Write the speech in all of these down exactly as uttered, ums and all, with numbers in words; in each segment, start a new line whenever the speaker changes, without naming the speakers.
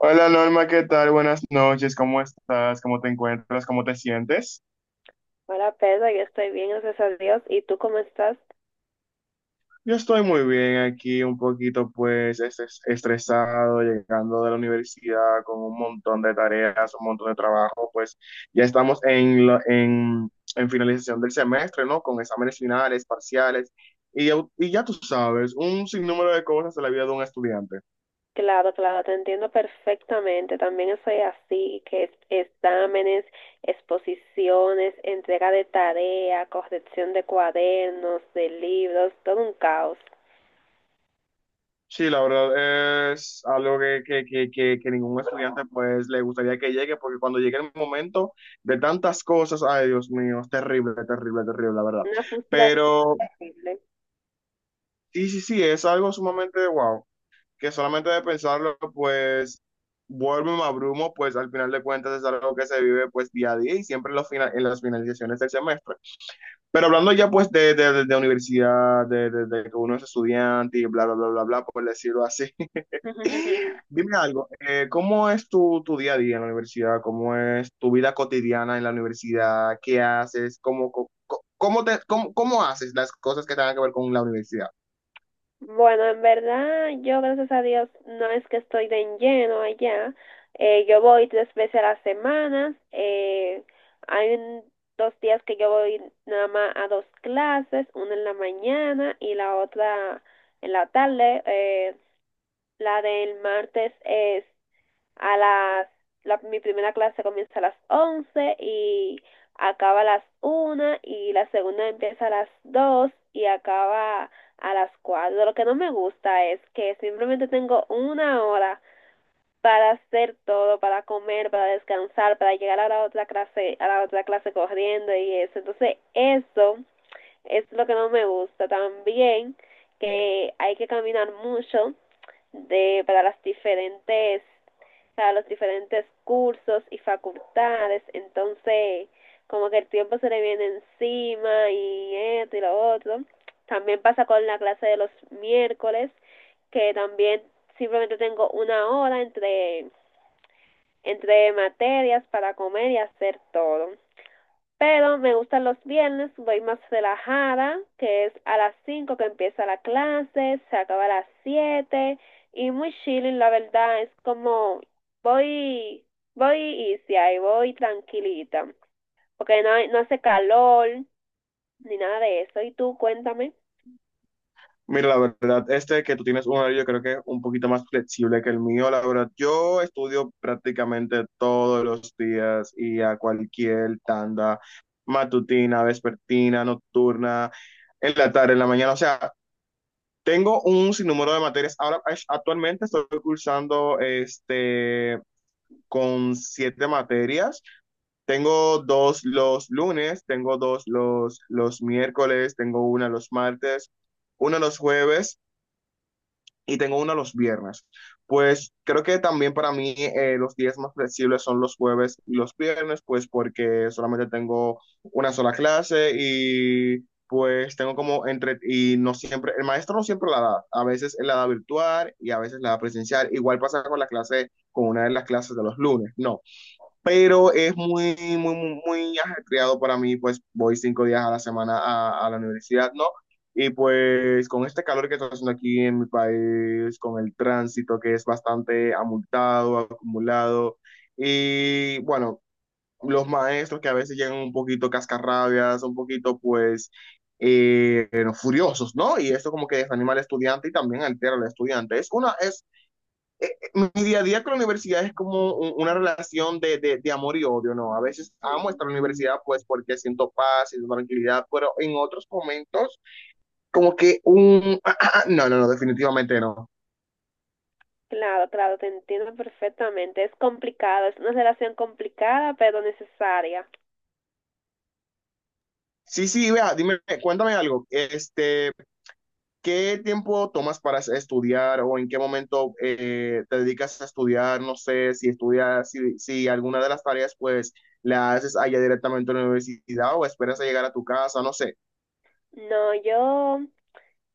Hola Norma, ¿qué tal? Buenas noches, ¿cómo estás? ¿Cómo te encuentras? ¿Cómo te sientes?
Hola Pedro, yo estoy bien, gracias a Dios. ¿Y tú cómo estás?
Yo estoy muy bien aquí, un poquito pues estres- estresado, llegando de la universidad con un montón de tareas, un montón de trabajo, pues ya estamos en, la- en, en finalización del semestre, ¿no? Con exámenes finales, parciales, y, ya- y ya tú sabes, un sinnúmero de cosas de la vida de un estudiante.
Claro, claro, te entiendo perfectamente. También estoy así, que es- exámenes, exposiciones, entrega de tarea, corrección de cuadernos, de libros, todo un caos.
Sí, la verdad es algo que, que, que, que, que ningún estudiante pues le gustaría que llegue, porque cuando llegue el momento de tantas cosas, ay Dios mío, es terrible, terrible, terrible, la verdad.
Una frustración.
Pero
Terrible.
sí, sí, sí, es algo sumamente wow, que solamente de pensarlo pues vuelvo y me abrumo, pues al final de cuentas es algo que se vive pues día a día y siempre en, los fina- en las finalizaciones del semestre. Pero hablando ya pues de, de, de- de universidad, de, de, de que uno es estudiante y bla, bla, bla, bla, bla, por decirlo así. Dime algo, eh, ¿cómo es tu, tu día a día en la universidad? ¿Cómo es tu vida cotidiana en la universidad? ¿Qué haces? ¿Cómo, co- co- cómo, te, cómo, Cómo haces las cosas que tengan que ver con la universidad?
Bueno, en verdad, yo gracias a Dios no es que estoy de en lleno allá. Eh, yo voy tres veces a la semana. Eh, hay un- Dos días que yo voy nada más a dos clases, una en la mañana y la otra en la tarde. Eh, la del martes es a las, la- Mi primera clase comienza a las once y acaba a las una y la segunda empieza a las dos y acaba a las cuatro. Lo que no me gusta es que simplemente tengo una hora para hacer todo, para comer, para descansar, para llegar a la otra clase, a la otra clase corriendo y eso. Entonces, eso es lo que no me gusta. También que hay que caminar mucho de para las diferentes, o sea, los diferentes cursos y facultades, entonces como que el tiempo se le viene encima y esto y lo otro. También pasa con la clase de los miércoles, que también simplemente tengo una hora entre, entre materias para comer y hacer todo. Pero me gustan los viernes, voy más relajada, que es a las cinco que empieza la clase, se acaba a las siete y muy chilling, la verdad, es como voy, voy easy ahí, voy tranquilita, porque no, hay- no hace calor ni nada de eso. Y tú, cuéntame.
Mira, la verdad, este que tú tienes un horario, yo creo que un poquito más flexible que el mío. La verdad, yo estudio prácticamente todos los días y a cualquier tanda matutina, vespertina, nocturna, en la tarde, en la mañana. O sea, tengo un sinnúmero de materias. Ahora, actualmente estoy cursando este, con siete materias. Tengo dos los lunes, tengo dos los, los miércoles, tengo una los martes, una los jueves y tengo uno los viernes. Pues creo que también para mí eh, los días más flexibles son los jueves y los viernes, pues porque solamente tengo una sola clase y pues tengo como entre, y no siempre, el maestro no siempre la da, a veces él la da virtual y a veces la da presencial. Igual pasa con la clase, con una de las clases de los lunes, no pero es muy, muy, muy, muy ajetreado para mí, pues voy cinco días a la semana a, a la universidad, ¿no? Y pues con este calor que está haciendo aquí en mi país, con el tránsito que es bastante amultado, acumulado, y bueno, los maestros que a veces llegan un poquito cascarrabias, un poquito pues eh, furiosos, ¿no? Y esto como que desanima al estudiante y también altera al estudiante. Es una, es eh, eh, Mi día a día con la universidad es como un- una relación de, de- de amor y odio, ¿no? A veces
Ujú.
amo estar en la universidad, pues porque siento paz y tranquilidad, pero en otros momentos, como que un... no, no, no, definitivamente no.
Claro, claro, te entiendo perfectamente, es complicado, es una relación complicada, pero necesaria.
Sí, sí, vea, dime, cuéntame algo. Este, ¿qué tiempo tomas para estudiar o en qué momento eh, te dedicas a estudiar? No sé si estudias, si, si alguna de las tareas, pues, la haces allá directamente en la universidad o esperas a llegar a tu casa, no sé.
No, yo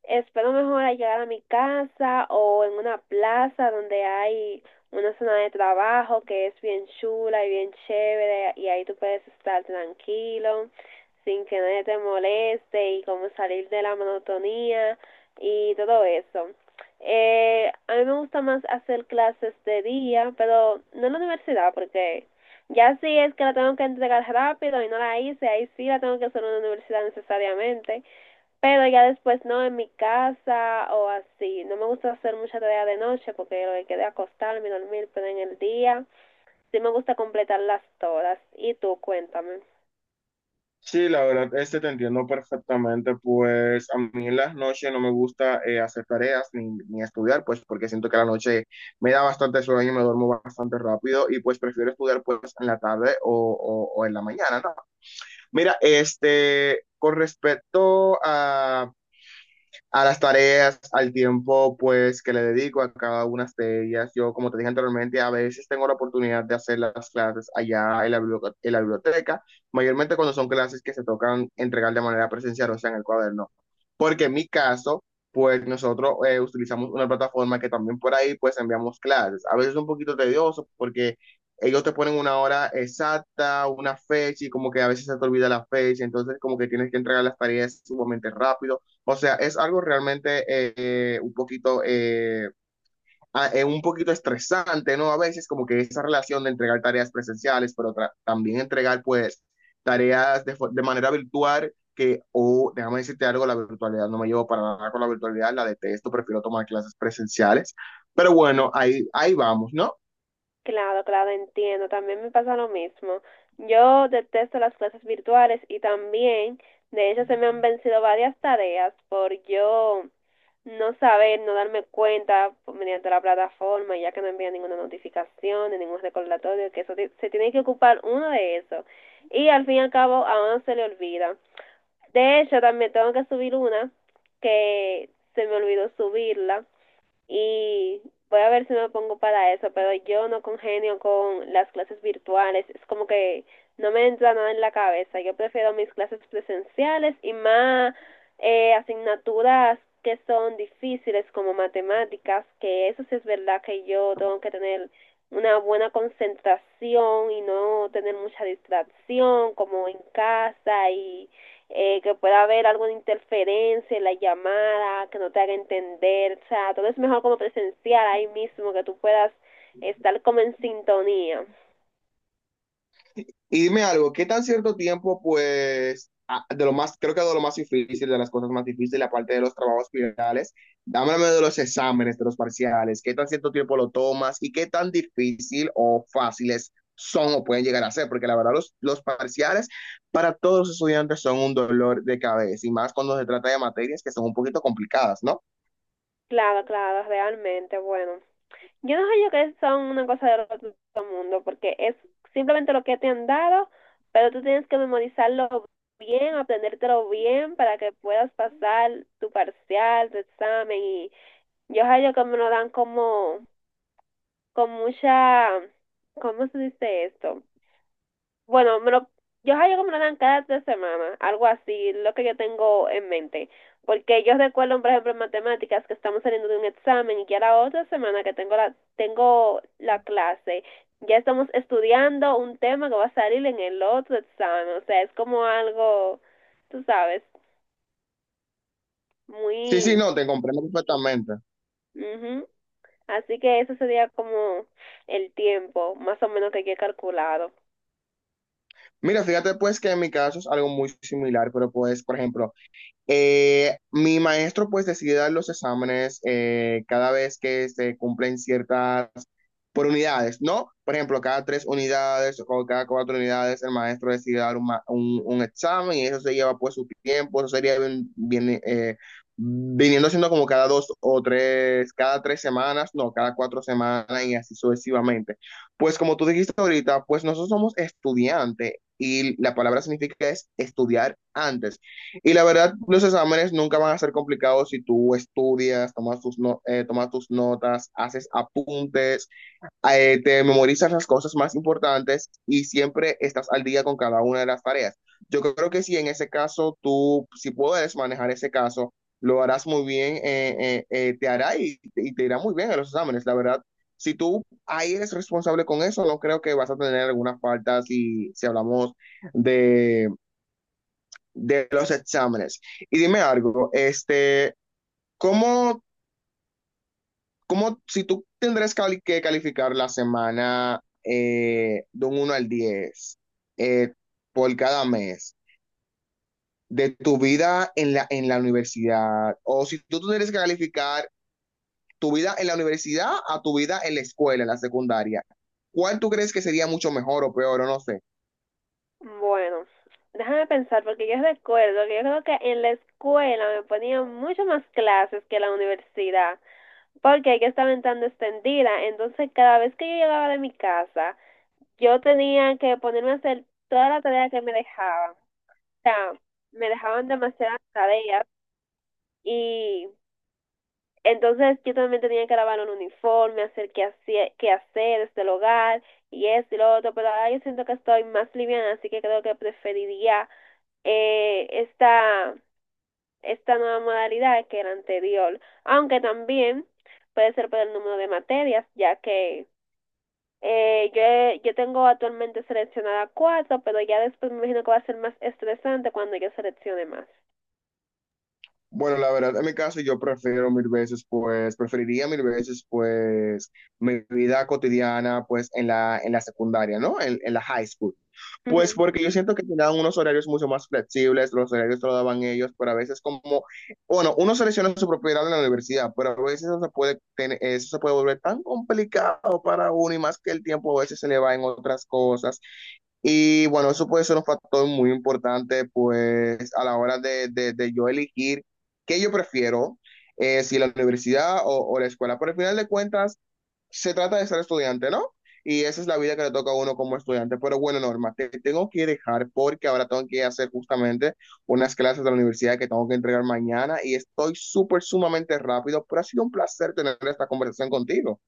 espero mejor al llegar a mi casa o en una plaza donde hay una zona de trabajo que es bien chula y bien chévere y ahí tú puedes estar tranquilo sin que nadie te moleste y como salir de la monotonía y todo eso. Eh, a mí me gusta más hacer clases de día, pero no en la universidad porque ya si es que la tengo que entregar rápido y no la hice, ahí sí la tengo que hacer en la universidad necesariamente, pero ya después no, en mi casa o así. No me gusta hacer mucha tarea de noche porque lo que queda es acostarme y dormir, pero en el día sí me gusta completarlas todas. Y tú, cuéntame.
Sí, la verdad, este te entiendo perfectamente, pues a mí en las noches no me gusta eh, hacer tareas ni, ni estudiar, pues porque siento que la noche me da bastante sueño y me duermo bastante rápido y pues prefiero estudiar pues en la tarde o, o- o en la mañana, ¿no? Mira, este, con respecto a a las tareas, al tiempo pues que le dedico a cada una de ellas. Yo, como te dije anteriormente, a veces tengo la oportunidad de hacer las clases allá en la, biblioteca, en la biblioteca, mayormente cuando son clases que se tocan entregar de manera presencial, o sea, en el cuaderno. Porque en mi caso, pues nosotros eh, utilizamos una plataforma que también por ahí pues enviamos clases. A veces es un poquito tedioso porque ellos te ponen una hora exacta, una fecha y como que a veces se te olvida la fecha, entonces como que tienes que entregar las tareas sumamente rápido, o sea, es algo realmente eh, un poquito, eh, a- eh, un poquito estresante, ¿no? A veces como que esa relación de entregar tareas presenciales, pero tra- también entregar pues tareas de, fo- de manera virtual que, o déjame decirte algo, la virtualidad no me llevo para nada con la virtualidad, la detesto, prefiero tomar clases presenciales. Pero bueno, ahí, ahí vamos, ¿no?
Claro, claro, entiendo. También me pasa lo mismo. Yo detesto las clases virtuales y también, de hecho, se me han vencido varias tareas por yo no saber, no darme cuenta mediante la plataforma, ya que no envía ninguna notificación ni ningún recordatorio, que eso ti- se tiene que ocupar uno de eso. Y al fin y al cabo, a uno se le olvida. De hecho, también tengo que subir una que se me olvidó subirla y voy a ver si me pongo para eso, pero yo no congenio con las clases virtuales, es como que no me entra nada en la cabeza, yo prefiero mis clases presenciales y más eh, asignaturas que son difíciles como matemáticas, que eso sí es verdad que yo tengo que tener una buena concentración y no tener mucha distracción como en casa y eh, que pueda haber alguna interferencia en la llamada, que no te haga entender, o sea, todo es mejor como presencial ahí mismo, que tú puedas estar como en sintonía.
Y dime algo, ¿qué tan cierto tiempo, pues, a- de lo más, creo que de lo más difícil, de las cosas más difíciles, aparte de los trabajos finales, dámame de los exámenes, de los parciales, qué tan cierto tiempo lo tomas y qué tan difícil o fáciles son o pueden llegar a ser? Porque la verdad, los, los parciales para todos los estudiantes son un dolor de cabeza y más cuando se trata de materias que son un poquito complicadas, ¿no?
Claro, claro, realmente, bueno. Yo no sé, yo que son una cosa del otro mundo, porque es simplemente lo que te han dado, pero tú tienes que memorizarlo bien, aprendértelo bien para que puedas pasar tu parcial, tu examen. Y yo hallo que me lo dan como con mucha, ¿cómo se dice esto? Bueno, me lo, yo creo que me lo dan cada tres semanas, algo así, lo que yo tengo en mente. Porque yo recuerdo, por ejemplo, en matemáticas que estamos saliendo de un examen y ya la otra semana que tengo la, tengo la, clase, ya estamos estudiando un tema que va a salir en el otro examen. O sea, es como algo, tú sabes,
Sí, sí,
muy...
no, te comprendo perfectamente.
Ujú. Así que eso sería como el tiempo, más o menos, que yo he calculado.
Mira, fíjate pues que en mi caso es algo muy similar, pero pues, por ejemplo, Eh, mi maestro pues decide dar los exámenes eh, cada vez que se cumplen ciertas, por unidades, ¿no? Por ejemplo, cada tres unidades o cada cuatro unidades el maestro decide dar un, ma- un- un examen y eso se lleva pues su tiempo, eso sería bien, bien, eh, viniendo siendo como cada dos o tres, cada tres semanas, no, cada cuatro semanas y así sucesivamente. Pues como tú dijiste ahorita, pues nosotros somos estudiantes y la palabra significa es estudiar antes. Y la verdad, los exámenes nunca van a ser complicados si tú estudias, tomas tus, no- eh, tomas tus notas, haces apuntes, eh, te memorizas las cosas más importantes y siempre estás al día con cada una de las tareas. Yo creo que si en ese caso tú, si puedes manejar ese caso, lo harás muy bien, eh, eh, eh, te hará y, y te irá muy bien en los exámenes. La verdad, si tú ahí eres responsable con eso, no creo que vas a tener alguna falta si, si hablamos de de los exámenes. Y dime algo, este, ¿cómo, cómo si tú tendrás cali- que calificar la semana eh, de un uno al diez eh, por cada mes de tu vida en la, en la universidad? O si tú tendrías que calificar tu vida en la universidad a tu vida en la escuela, en la secundaria, ¿cuál tú crees que sería mucho mejor o peor o no sé?
Bueno, déjame pensar, porque yo recuerdo que yo creo que en la escuela me ponían mucho más clases que en la universidad, porque yo estaba en tan extendida, entonces cada vez que yo llegaba de mi casa, yo tenía que ponerme a hacer toda la tarea que me dejaban. O sea, me dejaban demasiadas tareas y entonces yo también tenía que lavar un uniforme, hacer qué hacer, qué hacer desde el hogar y esto y lo otro, pero ahora yo siento que estoy más liviana, así que creo que preferiría eh, esta, esta nueva modalidad que la anterior, aunque también puede ser por el número de materias, ya que eh, yo, he- yo tengo actualmente seleccionada cuatro, pero ya después me imagino que va a ser más estresante cuando yo seleccione más.
Bueno, la verdad, en mi caso yo prefiero mil veces, pues, preferiría mil veces, pues, mi vida cotidiana, pues, en la, en la secundaria, ¿no? En, en la high school. Pues
Ujú.
porque yo siento que tenían unos horarios mucho más flexibles, los horarios te lo daban ellos, pero a veces como, bueno, uno selecciona su propiedad en la universidad, pero a veces eso se puede, tener- eso se puede volver tan complicado para uno y más que el tiempo a veces se le va en otras cosas y bueno, eso puede ser un factor muy importante, pues a la hora de, de- de yo elegir qué yo prefiero, eh, si la universidad o, o la escuela. Pero al final de cuentas, se trata de ser estudiante, ¿no? Y esa es la vida que le toca a uno como estudiante. Pero bueno, Norma, te tengo que dejar porque ahora tengo que hacer justamente unas clases de la universidad que tengo que entregar mañana y estoy súper, sumamente rápido, pero ha sido un placer tener esta conversación contigo.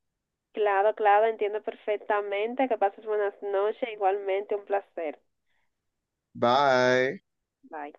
Claro, claro, entiendo perfectamente. Que pases buenas noches. Igualmente, un placer.
Bye.
Bye.